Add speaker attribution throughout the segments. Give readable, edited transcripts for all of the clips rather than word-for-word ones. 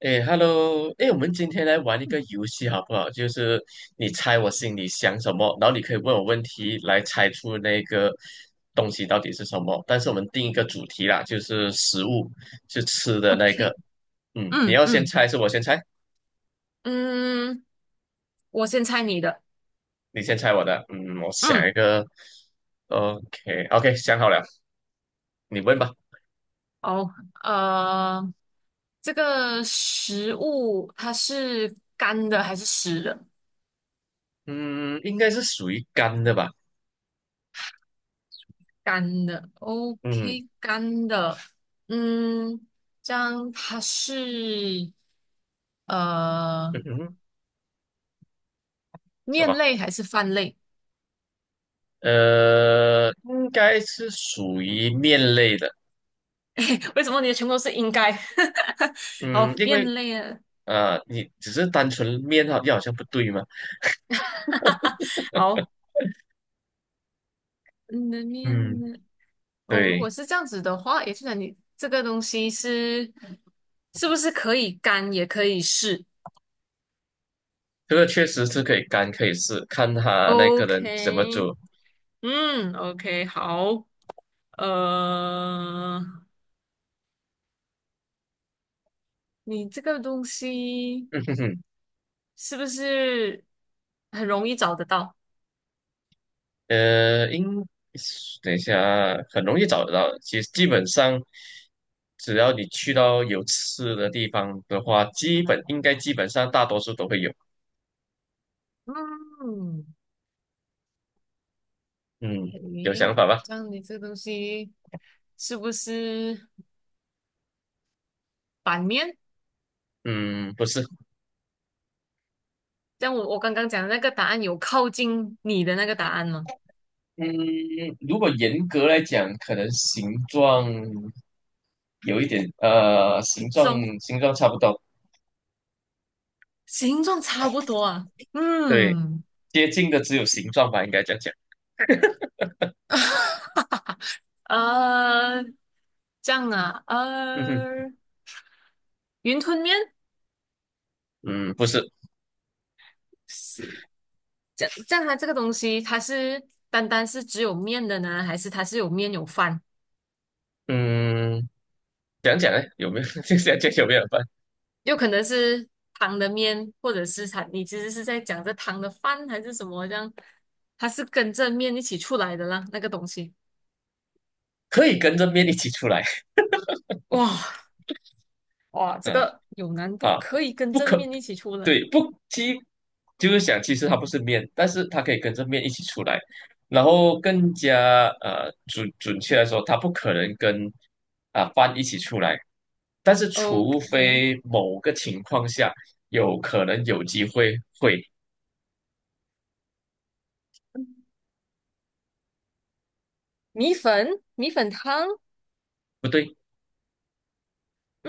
Speaker 1: 哎，Hello，哎，我们今天来玩一个游戏好不好？就是你猜我心里想什么，然后你可以问我问题来猜出那个东西到底是什么。但是我们定一个主题啦，就是食物，是吃的那个。
Speaker 2: OK，
Speaker 1: 嗯，你
Speaker 2: 嗯
Speaker 1: 要先
Speaker 2: 嗯
Speaker 1: 猜，是我先猜，
Speaker 2: 嗯，我先猜你的。
Speaker 1: 你先猜我的。嗯，我想
Speaker 2: 嗯，
Speaker 1: 一个。OK，OK，想好了，你问吧。
Speaker 2: 哦，呃，这个食物它是干的还是湿的？
Speaker 1: 嗯，应该是属于干的吧？
Speaker 2: 干的。
Speaker 1: 嗯，
Speaker 2: OK，干的。嗯，这样它是
Speaker 1: 嗯
Speaker 2: 呃
Speaker 1: 哼，什
Speaker 2: 面
Speaker 1: 么？
Speaker 2: 类还是饭类？
Speaker 1: 应该是属于面类的。
Speaker 2: 为什么你的全部都是应该？
Speaker 1: 嗯，
Speaker 2: 好，
Speaker 1: 因
Speaker 2: 面
Speaker 1: 为
Speaker 2: 类啊。
Speaker 1: 你只是单纯面好像不对嘛。
Speaker 2: 好，你的面，
Speaker 1: 嗯，
Speaker 2: 呢？哦，如
Speaker 1: 对，
Speaker 2: 果是这样子的话，也就是你这个东西是是不是可以干也可以湿
Speaker 1: 这个确实是可以干，可以试，看他那个人怎么
Speaker 2: ？OK，
Speaker 1: 做。
Speaker 2: 嗯，OK，好，呃，你这个东西
Speaker 1: 嗯哼哼，
Speaker 2: 是不是很容易找得到？
Speaker 1: 呃，应等一下啊很容易找得到。其实基本上，只要你去到有吃的地方的话，基本上大多数都会有。
Speaker 2: 嗯，
Speaker 1: 嗯，有想
Speaker 2: 诶，
Speaker 1: 法吧？
Speaker 2: 这样你这个东西是不是版面？
Speaker 1: 嗯，不是。
Speaker 2: 这样我刚刚讲的那个答案有靠近你的那个答案吗？
Speaker 1: 嗯，如果严格来讲，可能形状有一点，
Speaker 2: 形状
Speaker 1: 形状差不多，
Speaker 2: 形状差不多啊。
Speaker 1: 对，
Speaker 2: 嗯，
Speaker 1: 接近的只有形状吧，应该这样讲。
Speaker 2: 呃，这样啊，
Speaker 1: 嗯哼，
Speaker 2: 呃，云吞面，
Speaker 1: 嗯，不是，
Speaker 2: 这样它这个东西，它是单单是只有面的呢，还是它是有面有饭？
Speaker 1: 嗯，讲讲呢，有没有？就想讲有没有办？法
Speaker 2: 有可能是汤的面，或者是它，你其实是在讲这汤的饭还是什么？这样，它是跟着面一起出来的啦，那个东西。
Speaker 1: 可以跟着面一起出来，
Speaker 2: 哇，哇，这
Speaker 1: 嗯
Speaker 2: 个有难度，
Speaker 1: 啊，
Speaker 2: 可以跟
Speaker 1: 不
Speaker 2: 着
Speaker 1: 可，
Speaker 2: 面一起出来。
Speaker 1: 对，不，其就是想，其实它不是面，但是它可以跟着面一起出来，然后更加准确来说，它不可能跟啊、饭一起出来。但是除
Speaker 2: OK，
Speaker 1: 非某个情况下有可能有机会会，
Speaker 2: 米粉，米粉汤，
Speaker 1: 不对，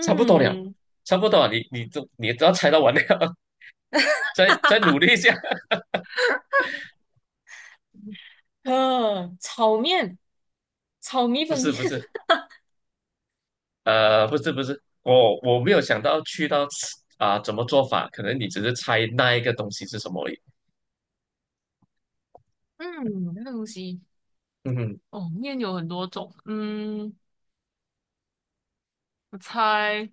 Speaker 1: 差不多了，差不多了，你都要猜到完了，再努力一下。
Speaker 2: 呃，炒面。炒米
Speaker 1: 不
Speaker 2: 粉
Speaker 1: 是
Speaker 2: 面，
Speaker 1: 不是，不是不是，我没有想到去到啊、怎么做法，可能你只是猜那一个东西是什么而已。
Speaker 2: 嗯，那个东西
Speaker 1: 嗯哼
Speaker 2: 哦，面有很多种，嗯，我猜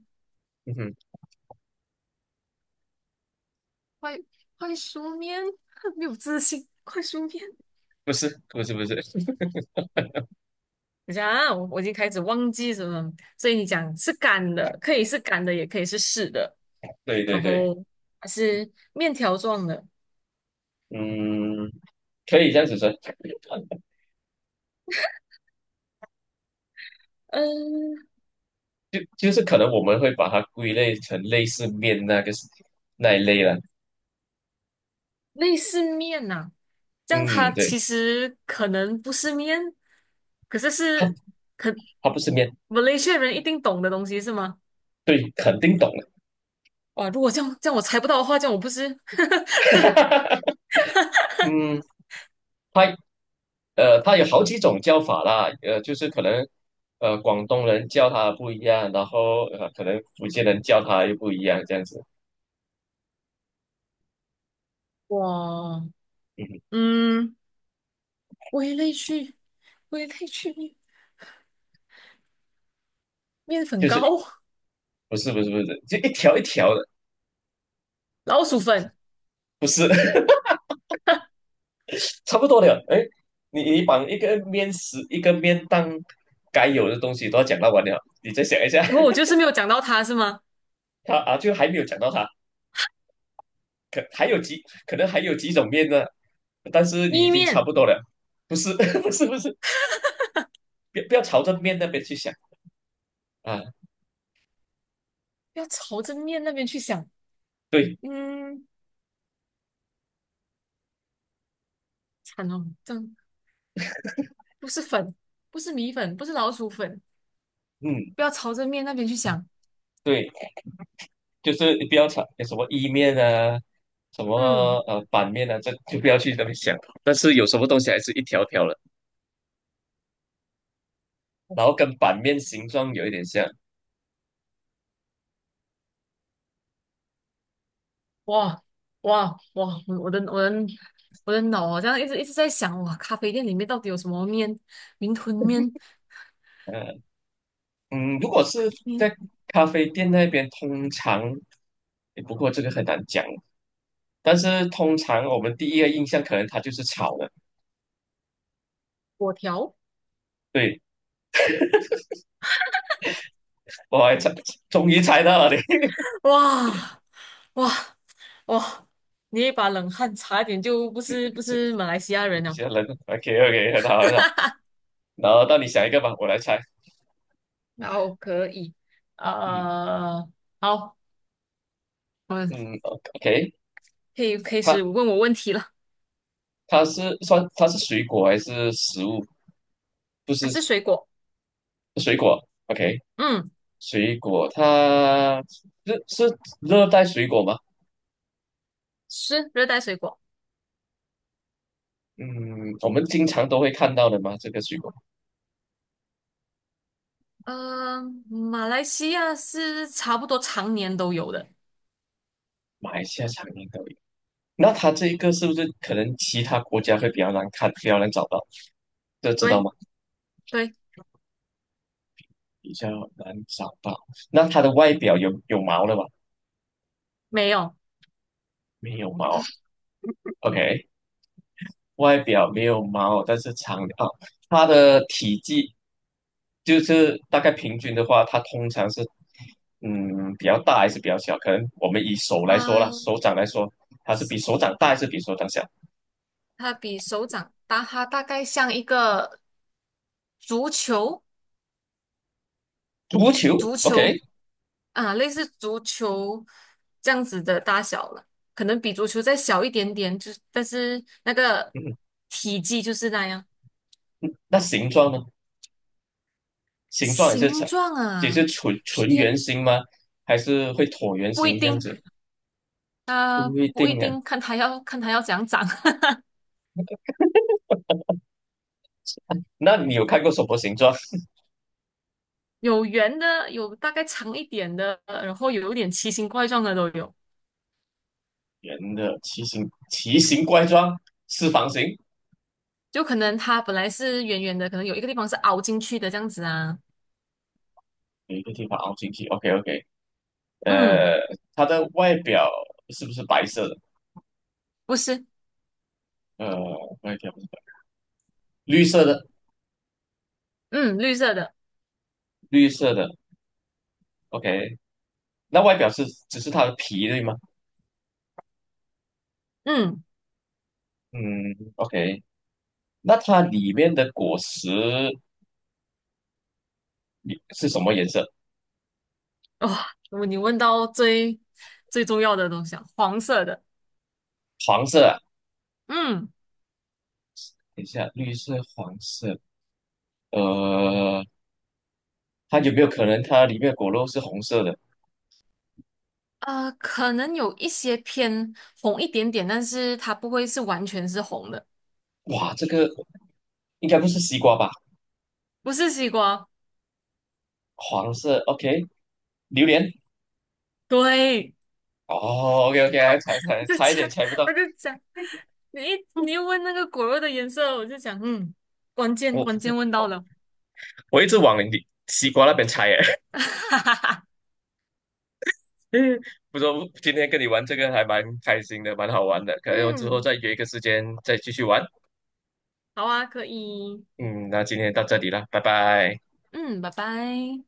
Speaker 1: 嗯哼，
Speaker 2: 快快熟面，没有自信，快熟面，
Speaker 1: 不是不是不是，
Speaker 2: 等一下啊，我已经开始忘记什么，所以你讲是干的，可以是干的，也可以是湿的，
Speaker 1: 对对
Speaker 2: 然
Speaker 1: 对，
Speaker 2: 后还是面条状的，
Speaker 1: 嗯，可以这样子说，
Speaker 2: 嗯，
Speaker 1: 就是可能我们会把它归类成类似面那个那一类了。
Speaker 2: 类似面呐、这样它
Speaker 1: 嗯，对。
Speaker 2: 其实可能不是面，可是
Speaker 1: 他
Speaker 2: 是可
Speaker 1: 他不是面，
Speaker 2: Malaysia 人一定懂的东西是吗？
Speaker 1: 对，肯定懂了。
Speaker 2: 哇，如果这样我猜不到的话，这样我不是
Speaker 1: 嗯，他他有好几种叫法啦，就是可能广东人叫他不一样，然后可能福建人叫他又不一样，这样子。
Speaker 2: 哇，
Speaker 1: 嗯，
Speaker 2: 嗯，微类去微类去面，面粉
Speaker 1: 就是
Speaker 2: 糕，
Speaker 1: 不是不是不是，就一条一条的，
Speaker 2: 老鼠粉。
Speaker 1: 不是 差不多的。哎，你你把一个面食一个面当该有的东西都要讲到完了，你再想一下，
Speaker 2: 然后我就是没有讲到它是吗？
Speaker 1: 他啊就还没有讲到他。可能还有几种面呢，但是你已
Speaker 2: 意
Speaker 1: 经差
Speaker 2: 面，
Speaker 1: 不多了，不是 不是不是，不要不要朝着面那边去想啊，
Speaker 2: 不要朝着面那边去想。
Speaker 1: 对，
Speaker 2: 嗯，惨哦，这样不是粉，不是米粉，不是老鼠粉，
Speaker 1: 嗯
Speaker 2: 不要朝着面那边去想。
Speaker 1: 对，就是你不要朝什么意面啊，什么
Speaker 2: 嗯，
Speaker 1: 板面啊，这就不要去那边想，但是有什么东西还是一条条的，然后跟板面形状有一点像，
Speaker 2: 哇，哇，哇，我的我的脑好像一直在想，哇，咖啡店里面到底有什么面？云吞面、
Speaker 1: 嗯、嗯，如果是在
Speaker 2: 面，
Speaker 1: 咖啡店那边，通常，诶不过这个很难讲，但是通常我们第一个印象可能它就是炒的，
Speaker 2: 粿条，
Speaker 1: 对。我还猜，终于猜到了你，
Speaker 2: 哇。哇，哇，你一把冷汗，差点就不
Speaker 1: 这
Speaker 2: 是马来西亚人了。
Speaker 1: 些人，OK OK，很好很好。然后到你想一个吧，我来猜。
Speaker 2: 然后可以，
Speaker 1: 嗯
Speaker 2: 呃，好，我们
Speaker 1: 嗯，OK，
Speaker 2: 可以开始
Speaker 1: 它
Speaker 2: 问我问题了。
Speaker 1: 它是算它是水果还是食物？不是
Speaker 2: 还是水果？
Speaker 1: 水果，OK，
Speaker 2: 嗯，
Speaker 1: 水果它是热带水果吗？
Speaker 2: 是热带水果。
Speaker 1: 嗯，我们经常都会看到的吗？这个水果，
Speaker 2: 呃，马来西亚是差不多常年都有的。
Speaker 1: 马来西亚常年都有。那它这一个是不是可能其他国家会比较难看，比较难找到？这知道
Speaker 2: 对
Speaker 1: 吗？
Speaker 2: 对，
Speaker 1: 比较难找到。那它的外表有毛了吧？
Speaker 2: 没有。
Speaker 1: 没有毛，OK，外表没有毛，但是长啊，哦它的体积就是大概平均的话，它通常是嗯比较大还是比较小？可能我们以手来说啦，
Speaker 2: 呃
Speaker 1: 手掌来说，它是比手掌大还
Speaker 2: 啊，
Speaker 1: 是比手掌小？
Speaker 2: 它比手掌大，它大概像一个足球，
Speaker 1: 足球
Speaker 2: 足
Speaker 1: ，OK，
Speaker 2: 球啊，类似足球这样子的大小了，可能比足球再小一点点，就是但是那个
Speaker 1: 嗯，
Speaker 2: 体积就是那样。
Speaker 1: 那形状呢？形状也是
Speaker 2: 形
Speaker 1: 呈，
Speaker 2: 状
Speaker 1: 也
Speaker 2: 啊，
Speaker 1: 是纯纯圆
Speaker 2: 偏
Speaker 1: 形吗？还是会椭圆
Speaker 2: 不一
Speaker 1: 形这样
Speaker 2: 定，
Speaker 1: 子？
Speaker 2: 啊、
Speaker 1: 不一
Speaker 2: 不一
Speaker 1: 定啊。
Speaker 2: 定，看它要怎样长。
Speaker 1: 那你有看过什么形状？
Speaker 2: 有圆的，有大概长一点的，然后有一点奇形怪状的都有。
Speaker 1: 圆的，奇形怪状，四方形，
Speaker 2: 就可能它本来是圆圆的，可能有一个地方是凹进去的这样子啊。
Speaker 1: 有一个地方凹进去。OK OK，
Speaker 2: 嗯，
Speaker 1: 呃，它的外表是不是白色的？
Speaker 2: 不是，
Speaker 1: 呃，外表不是绿色的，
Speaker 2: 嗯，绿色的，
Speaker 1: 绿色的。OK，那外表是只是它的皮对吗？
Speaker 2: 嗯。
Speaker 1: 嗯，OK，那它里面的果实你是什么颜色？
Speaker 2: 哇、哦，你问到最重要的东西啊，黄色的，
Speaker 1: 黄色啊？
Speaker 2: 嗯，
Speaker 1: 等一下，绿色、黄色，呃，它有没有可能它里面的果肉是红色的？
Speaker 2: 呃，可能有一些偏红一点点，但是它不会是完全是红的，
Speaker 1: 哇，这个应该不是西瓜吧？
Speaker 2: 不是西瓜。
Speaker 1: 黄色，OK，榴莲。
Speaker 2: 对，
Speaker 1: 哦，OK OK，还猜 猜
Speaker 2: 我就
Speaker 1: 差一点
Speaker 2: 讲，
Speaker 1: 猜不到，
Speaker 2: 我就讲，你一问那个果肉的颜色，我就讲，嗯，关键
Speaker 1: 我
Speaker 2: 问到了，
Speaker 1: 我一直往你西瓜那边猜耶。
Speaker 2: 哈哈哈，
Speaker 1: 不过今天跟你玩这个还蛮开心的，蛮好玩的，可能我之后
Speaker 2: 嗯，
Speaker 1: 再约一个时间再继续玩。
Speaker 2: 好啊，可以，
Speaker 1: 嗯，那今天到这里了，拜拜。
Speaker 2: 嗯，拜拜。